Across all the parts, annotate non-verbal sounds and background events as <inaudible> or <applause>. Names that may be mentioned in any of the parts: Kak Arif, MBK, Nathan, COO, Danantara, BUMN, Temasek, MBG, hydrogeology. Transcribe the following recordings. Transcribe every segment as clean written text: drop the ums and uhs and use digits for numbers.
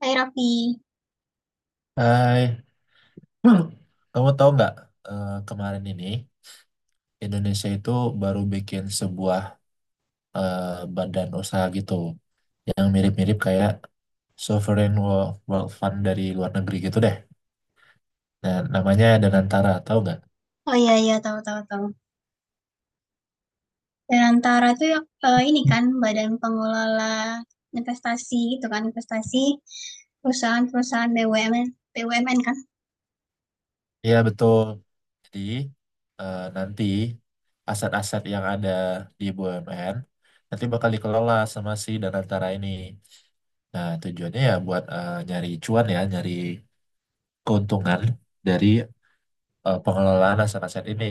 Hai Raffi. Hai, <clears throat> kamu tahu nggak kemarin ini Indonesia itu baru bikin sebuah eh, badan usaha gitu yang mirip-mirip kayak Sovereign Wealth Fund dari luar negeri gitu deh. Nah, namanya Danantara, tahu nggak? Oh iya iya tahu tahu tahu. Antara itu ya, ini kan badan pengelola investasi gitu kan investasi perusahaan-perusahaan BUMN BUMN kan. Iya, betul. Jadi nanti aset-aset yang ada di BUMN nanti bakal dikelola sama si Danantara ini. Nah, tujuannya ya buat nyari cuan ya, nyari keuntungan dari pengelolaan aset-aset ini.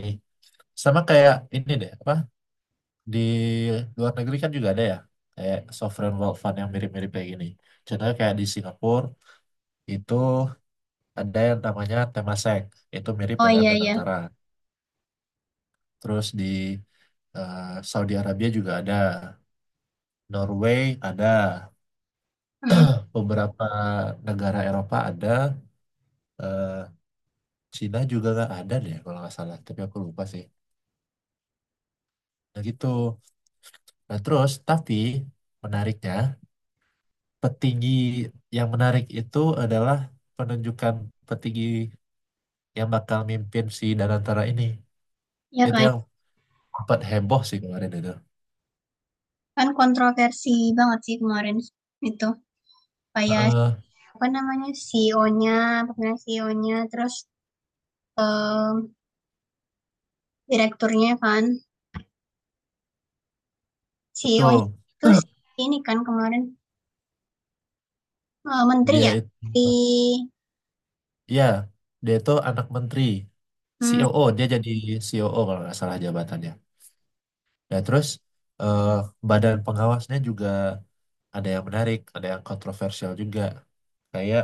Sama kayak ini deh, apa di luar negeri kan juga ada ya, kayak sovereign wealth fund yang mirip-mirip kayak gini. Contohnya kayak di Singapura itu ada yang namanya Temasek, itu mirip Oh dengan iya iya. Danantara. Terus di Saudi Arabia juga ada, Norway ada, Mm, beberapa negara Eropa ada, eh, Cina juga nggak ada deh kalau nggak salah, tapi aku lupa sih. Nah gitu. Nah terus, tapi menariknya petinggi yang menarik itu adalah penunjukan petinggi yang bakal mimpin si Danantara ini. ya Itu kan yang sempat heboh sih kemarin itu. kan kontroversi banget sih kemarin itu kayak Heeh, apa namanya CEO-nya, pemilihan CEO-nya terus eh, direkturnya kan. CEO-nya betul. itu si <clears throat> ini kan kemarin menteri Dia ya itu, di ya, dia itu anak menteri, COO, dia jadi COO kalau nggak salah jabatannya. Ya, terus eh, badan pengawasnya juga ada yang menarik, ada yang kontroversial juga. Kayak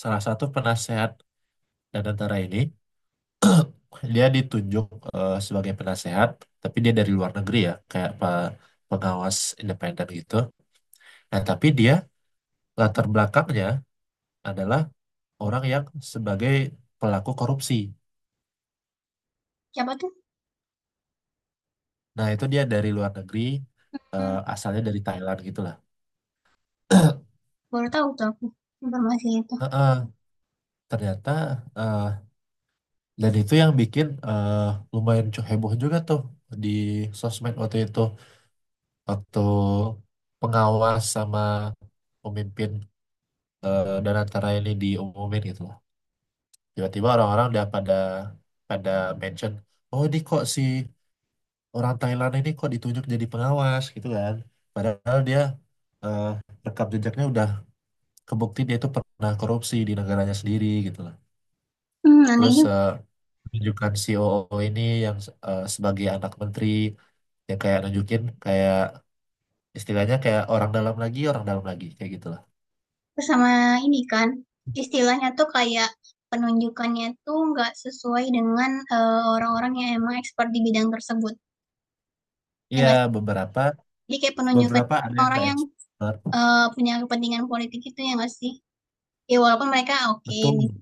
salah satu penasehat Danantara ini, dia ditunjuk sebagai penasehat, tapi dia dari luar negeri ya, kayak pengawas independen gitu. Nah, tapi dia latar belakangnya adalah orang yang sebagai pelaku korupsi. siapa tuh? Nah, itu dia dari luar negeri, Hmm, asalnya dari Thailand gitulah. Baru tahu tuh aku informasi itu. <clears throat> Heeh, ternyata eh, dan itu yang bikin lumayan heboh juga tuh di sosmed waktu itu, waktu pengawas sama pemimpin dan antara ini diumumin gitu, tiba-tiba orang-orang udah pada pada mention, oh ini kok si orang Thailand ini kok ditunjuk jadi pengawas gitu kan, padahal dia eh, rekam jejaknya udah kebukti dia itu pernah korupsi di negaranya sendiri gitu lah. Aneh Terus juga. Tunjukkan COO ini yang sebagai anak menteri yang kayak nunjukin kayak istilahnya kayak orang dalam lagi kayak gitulah. Terus sama ini kan, istilahnya tuh kayak penunjukannya tuh nggak sesuai dengan, orang-orang yang emang expert di bidang tersebut, ya Iya, nggak sih? beberapa Jadi kayak penunjukan beberapa ada yang orang nggak yang, expert, punya kepentingan politik itu ya nggak sih? Ya walaupun mereka oke betul. gitu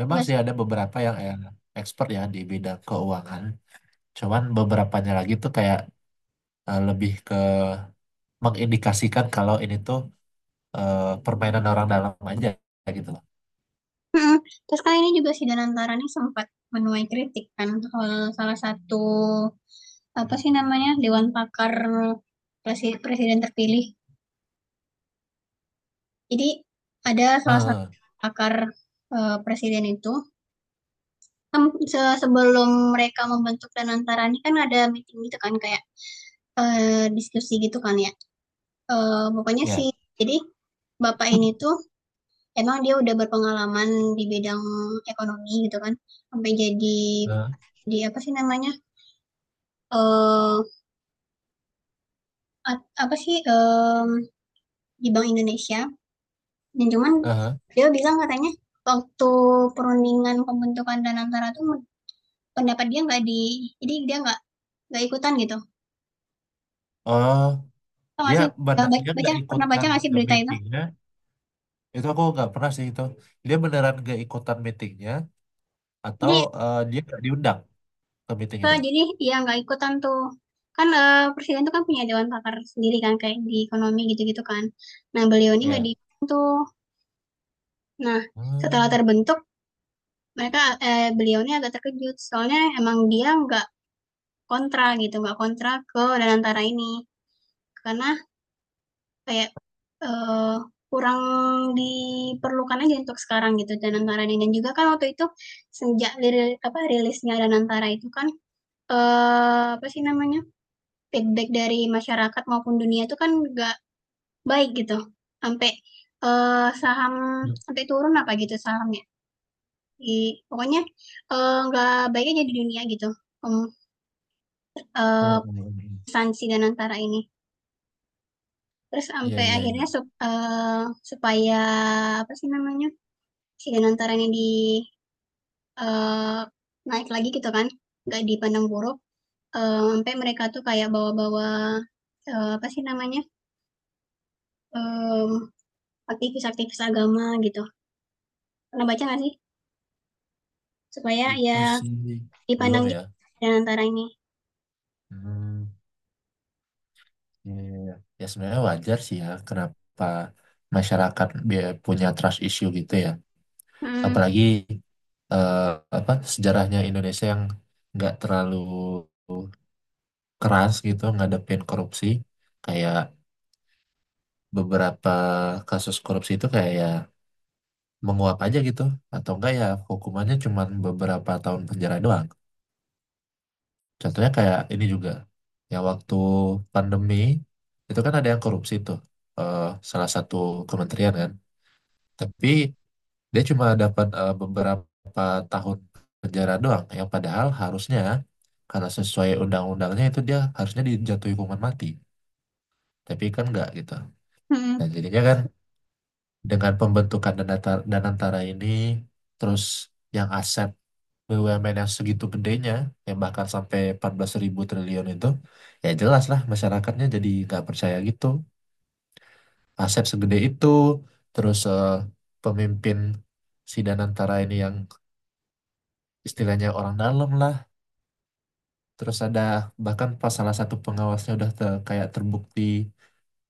Memang nggak sih sih? ada beberapa yang expert ya di bidang keuangan. Cuman beberapanya lagi tuh kayak lebih ke mengindikasikan kalau ini tuh permainan orang dalam aja gitu loh. Mhm, Terus kan ini juga si Danantara nih sempat menuai kritik kan soal salah satu, apa sih namanya, dewan pakar presiden terpilih. Jadi ada salah satu Eh, pakar, presiden itu, kan sebelum mereka membentuk Danantara ini kan ada meeting gitu kan kayak, diskusi gitu kan ya, pokoknya ya. sih jadi bapak ini tuh emang dia udah berpengalaman di bidang ekonomi gitu kan, sampai jadi Eh, di apa sih namanya, eee, apa sih, di Bank Indonesia dan cuman eh. dia bilang katanya waktu perundingan pembentukan Danantara tuh pendapat dia nggak di jadi dia nggak ikutan gitu. Oh, Tau nggak dia sih, benar dia nggak pernah baca ikutan nggak sih berita itu? meetingnya. Itu aku nggak pernah sih itu. Dia beneran nggak ikutan meetingnya atau Jadi dia nggak diundang ke meeting eee, itu? jadi iya nggak ikutan tuh. Kan, presiden itu kan punya dewan pakar sendiri kan kayak di ekonomi gitu-gitu kan. Nah beliau ini nggak Ya. diikutin tuh. Nah, setelah Hmm. terbentuk mereka beliau ini agak terkejut soalnya emang dia nggak kontra gitu, nggak kontra ke Danantara ini. Karena kayak, eee, kurang diperlukan aja untuk sekarang gitu Danantara ini dan juga kan waktu itu sejak rilisnya Danantara itu kan, apa sih namanya, feedback dari masyarakat maupun dunia itu kan nggak baik gitu. Sampai, saham sampai turun apa gitu sahamnya, di pokoknya, nggak baik aja di dunia gitu, um eee, Hmm. sanksi Danantara ini. Terus Iya, sampai iya, iya. akhirnya supaya apa sih namanya si Danantara ini di eee, naik lagi gitu kan, nggak dipandang buruk, ampe mereka tuh kayak bawa-bawa, apa sih namanya, mmm, aktivis-aktivis agama gitu. Pernah baca nggak sih? Supaya Itu ya sih belum dipandang ya. juga Danantara ini. Hmm. Iya, iya, iya. Ya sebenarnya wajar sih ya kenapa masyarakat punya trust issue gitu ya. Hmm, Apalagi eh, apa sejarahnya Indonesia yang nggak terlalu keras gitu ngadepin korupsi. Kayak beberapa kasus korupsi itu kayak ya menguap aja gitu, atau enggak ya hukumannya cuma beberapa tahun penjara doang. Contohnya kayak ini juga, ya waktu pandemi itu kan ada yang korupsi tuh eh, salah satu kementerian kan. Tapi dia cuma dapat beberapa tahun penjara doang. Yang padahal harusnya karena sesuai undang-undangnya itu dia harusnya dijatuhi hukuman mati. Tapi kan enggak gitu. Dan mhm. jadinya kan dengan pembentukan Danantara ini, terus yang aset BUMN yang segitu gedenya yang bahkan sampai 14 ribu triliun itu, ya jelas lah masyarakatnya jadi nggak percaya gitu. Aset segede itu, terus pemimpin si Danantara ini yang istilahnya orang dalam lah, terus ada bahkan pas salah satu pengawasnya udah kayak terbukti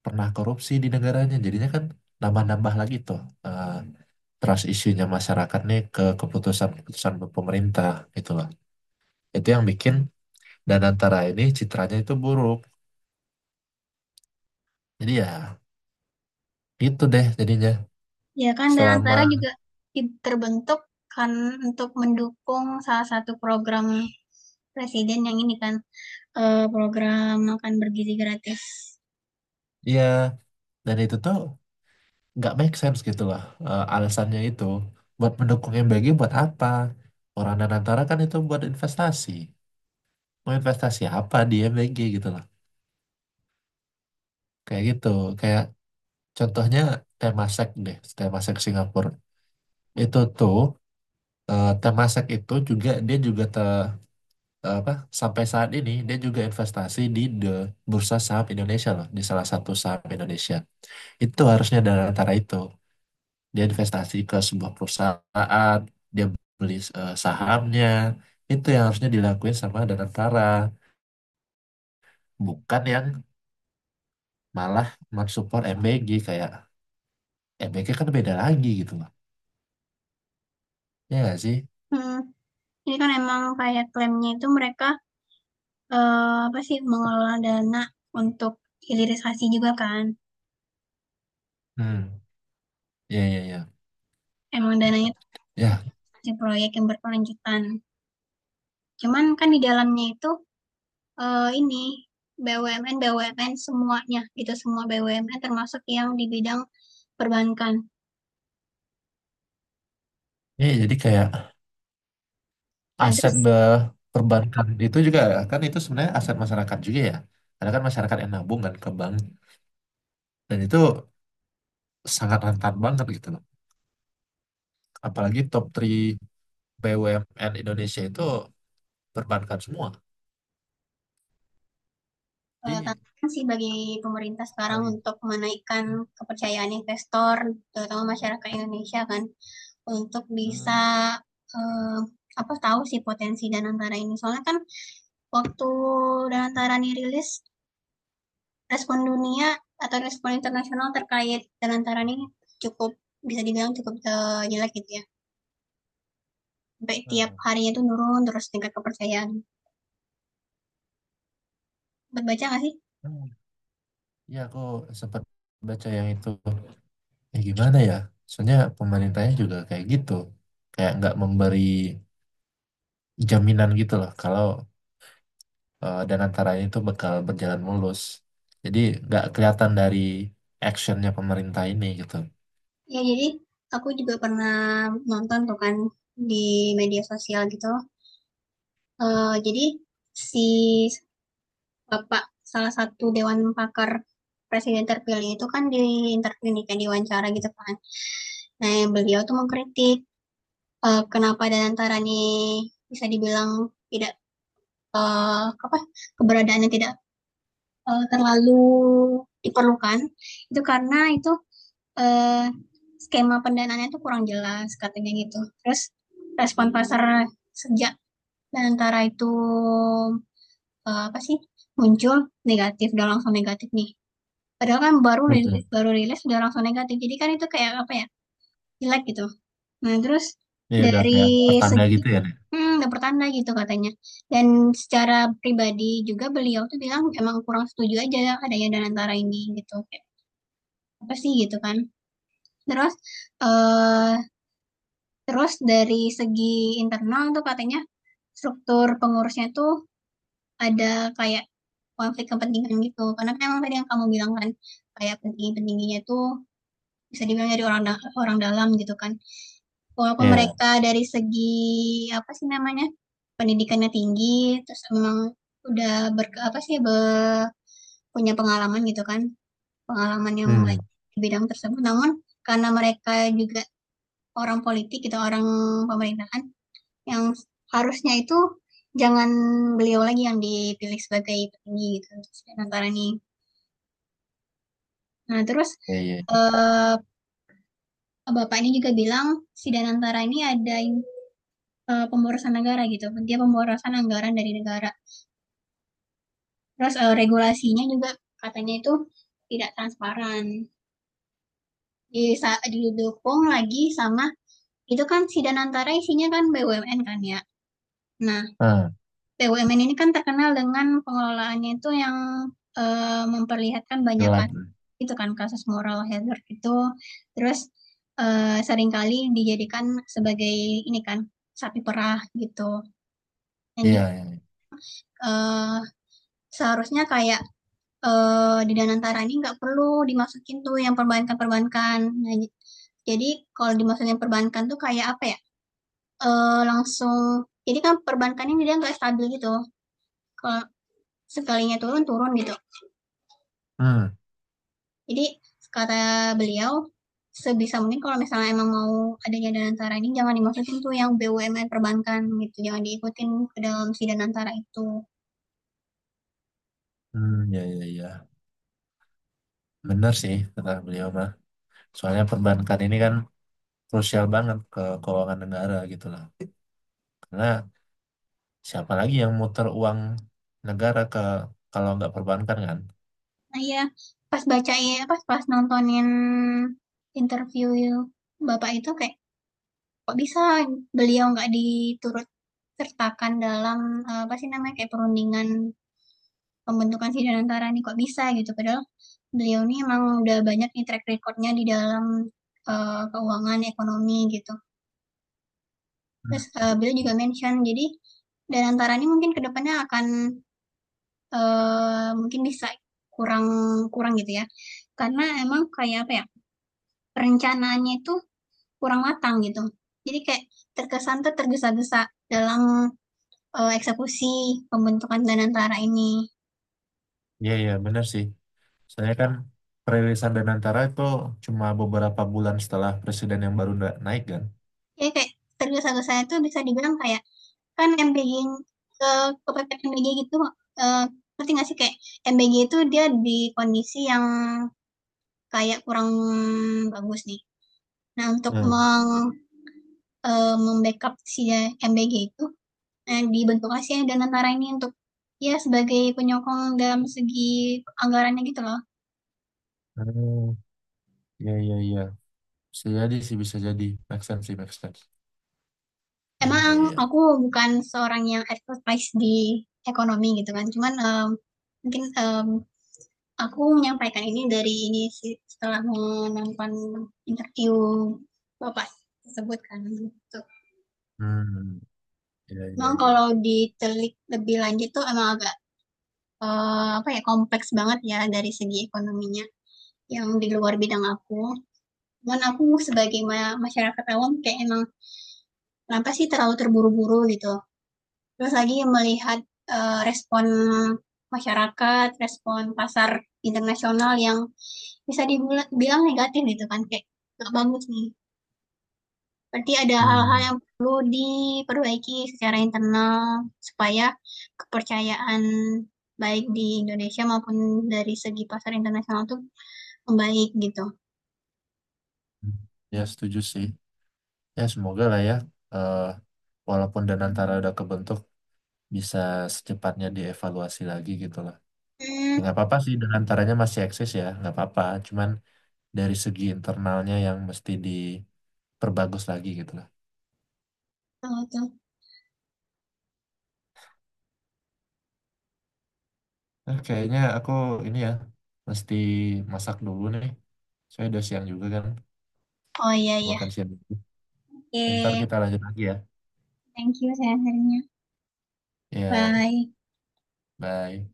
pernah korupsi di negaranya, jadinya kan nambah-nambah lagi tuh eh, trust issue-nya masyarakat nih ke keputusan-keputusan pemerintah gitu. Itu yang bikin dan antara ini citranya itu buruk, jadi ya gitu deh jadinya Ya kan Danantara selama juga terbentuk kan untuk mendukung salah satu program presiden yang ini kan, program makan bergizi gratis. ya. Dan itu tuh nggak make sense gitu lah alasannya itu buat mendukung MBG. Buat apa orang Danantara kan itu buat investasi, mau investasi apa di MBG gitu lah, kayak gitu. Kayak contohnya Temasek deh, Temasek Singapura itu tuh Temasek itu juga dia juga apa sampai saat ini dia juga investasi di the bursa saham Indonesia loh, di salah satu saham Indonesia. Itu harusnya dari antara itu dia investasi ke sebuah perusahaan, dia beli sahamnya. Itu yang harusnya dilakuin sama Danantara, bukan yang malah mensupport MBG kayak MBK kan beda lagi gitu loh. Ya nggak sih? Hmm. Ini kan emang kayak klaimnya itu mereka apa sih, mengelola dana untuk hilirisasi juga kan. Hmm. Ya, ya, ya. Emang dananya itu Ya, investasi proyek yang berkelanjutan. Cuman kan di dalamnya itu, ini BUMN-BUMN semuanya gitu, semua BUMN termasuk yang di bidang perbankan. ya, jadi kayak Nah aset terus, perbankan itu juga, kan itu sebenarnya aset masyarakat juga ya. Karena kan masyarakat yang nabung kan ke bank, dan itu sangat rentan banget gitu loh. Apalagi top 3 BUMN Indonesia itu perbankan semua. Jadi tantangan sih bagi pemerintah sekarang sekali untuk menaikkan itu kepercayaan investor, terutama masyarakat Indonesia kan, untuk eh, bisa, eee, apa, tahu sih potensi dan antara ini. Soalnya kan waktu Danantarani rilis, respon dunia atau respon internasional terkait Danantarani cukup bisa dibilang cukup jelek gitu ya. Sampai tiap eh, harinya itu nurun terus tingkat kepercayaan. Baca nggak sih? eh. Ya aku sempat baca yang itu. Ya gimana ya? Soalnya pemerintahnya juga kayak gitu. Kayak nggak memberi jaminan gitu loh kalau dan antaranya itu bakal berjalan mulus. Jadi nggak kelihatan dari actionnya pemerintah ini gitu. Ya jadi aku juga pernah nonton tuh kan di media sosial gitu. Jadi si bapak salah satu dewan pakar presiden terpilih itu kan di interview nih kan diwawancara gitu kan. Nah beliau tuh mengkritik kenapa Danantarani bisa dibilang tidak, apa, keberadaannya tidak, terlalu diperlukan, itu karena itu, eee, skema pendanaannya itu kurang jelas katanya gitu. Terus respon pasar sejak Danantara itu, apa sih, muncul negatif, udah langsung negatif nih. Padahal kan Hmm. baru rilis udah langsung negatif, jadi kan itu kayak, apa ya, jelek gitu. Nah, terus Ini udah dari kayak pertanda segi gitu ya, Nek? mhm, udah pertanda gitu katanya. Dan secara pribadi juga beliau tuh bilang emang kurang setuju aja adanya Danantara ini gitu, kayak apa sih gitu kan. Terus, eee, terus dari segi internal tuh katanya struktur pengurusnya tuh ada kayak konflik kepentingan gitu, karena kan emang tadi yang kamu bilang kan, kayak petinggi-petingginya tuh bisa dibilang dari orang dalam gitu kan. Walaupun Iya. mereka dari segi apa sih namanya pendidikannya tinggi terus emang udah ber apa sih be- punya pengalaman gitu kan, pengalaman yang baik Hmm. di bidang tersebut, namun karena mereka juga orang politik gitu, orang pemerintahan yang harusnya itu jangan beliau lagi yang dipilih sebagai petinggi gitu si Danantara ini. Nah terus Iya, iya. eh, bapak ini juga bilang si Danantara ini ada pemborosan negara gitu, dia pemborosan anggaran dari negara. Terus, regulasinya juga katanya itu tidak transparan, di didukung lagi sama itu kan Sidang Antara isinya kan BUMN kan ya. Nah, Hmm, BUMN ini kan terkenal dengan pengelolaannya itu yang, memperlihatkan banyak jelek. kasus itu kan, kasus moral hazard itu. Terus, seringkali dijadikan sebagai ini kan, sapi perah gitu. Dan Iya, ju iya, iya. eh, Seharusnya kayak di Danantara ini nggak perlu dimasukin tuh yang perbankan-perbankan. Nah, jadi kalau dimasukin perbankan tuh kayak apa ya, langsung jadi kan perbankan ini dia nggak stabil gitu, kalau sekalinya turun, turun gitu. Hmm, Jadi kata beliau, sebisa mungkin kalau misalnya emang mau adanya Danantara ini jangan dimasukin tuh yang BUMN perbankan gitu, jangan diikutin ke dalam si Danantara itu. hmm, iya, iya, iya. Bener sih kata beliau mah. Soalnya perbankan ini kan krusial banget ke keuangan negara gitu lah. Karena siapa lagi yang muter uang negara ke kalau nggak perbankan kan? Nah ya pas pas nontonin interview Bapak itu kayak kok bisa beliau nggak diturut sertakan dalam, apa sih namanya, kayak perundingan pembentukan Sidanantara nih, kok bisa gitu? Padahal beliau nih emang udah banyak nih track record-nya di dalam, keuangan, ekonomi gitu. Terus, beliau juga mention, jadi Danantara ini mungkin ke depannya akan, mungkin bisa kurang kurang gitu ya, karena emang kayak, apa ya, perencanaannya itu kurang matang gitu. Jadi kayak terkesan tuh tergesa-gesa dalam eksekusi pembentukan Danantara ini. Iya, iya, benar sih. Saya kan perilisan Danantara itu cuma beberapa bulan setelah presiden yang baru naik kan. Ya kayak tergesa-gesa itu bisa dibilang kayak kan MBG ke kepepet MBG gitu, eee, ngerti nggak sih? Kayak MBG itu dia di kondisi yang kayak kurang bagus nih. Nah, untuk Hmm. meng membackup mem-backup si MBG itu, dibentuklah si Danantara ini untuk ya sebagai penyokong dalam segi anggarannya gitu loh. Hmm, iya, iya, iya. Bisa jadi sih, bisa jadi. Make sense sih, make sense. Iya, iya, Emang iya. aku bukan seorang yang expertise di ekonomi gitu kan, cuman, mungkin, aku menyampaikan ini dari ini sih, setelah menonton interview Bapak tersebut kan, gitu. Hmm, iya, iya, Memang iya. kalau ditelik lebih lanjut tuh emang agak, apa ya, kompleks banget ya dari segi ekonominya yang di luar bidang aku. Cuman aku sebagai masyarakat awam kayak emang kenapa sih terlalu terburu-buru gitu. Terus lagi melihat, respon masyarakat, respon pasar internasional yang bisa dibilang negatif gitu kan, kayak nggak bagus nih. Berarti ada hal-hal Hmm, yang perlu diperbaiki secara internal supaya kepercayaan baik di Indonesia maupun dari segi pasar internasional tuh membaik gitu. hmm. Ya setuju sih. Ya semoga lah ya, eh, walaupun Danantara udah kebentuk, bisa secepatnya dievaluasi lagi gitu lah. Ya Mmm, nggak apa-apa sih, Danantaranya masih eksis ya, nggak apa-apa. Cuman dari segi internalnya yang mesti perbagus lagi gitu lah. Betul tuh. Kayaknya aku ini ya mesti masak dulu nih. Saya udah siang juga kan, Oh, iya iya. makan siang dulu. Oke, Ntar okay. kita lanjut lagi ya. Thank you sharing-nya. Ya, Bye. bye.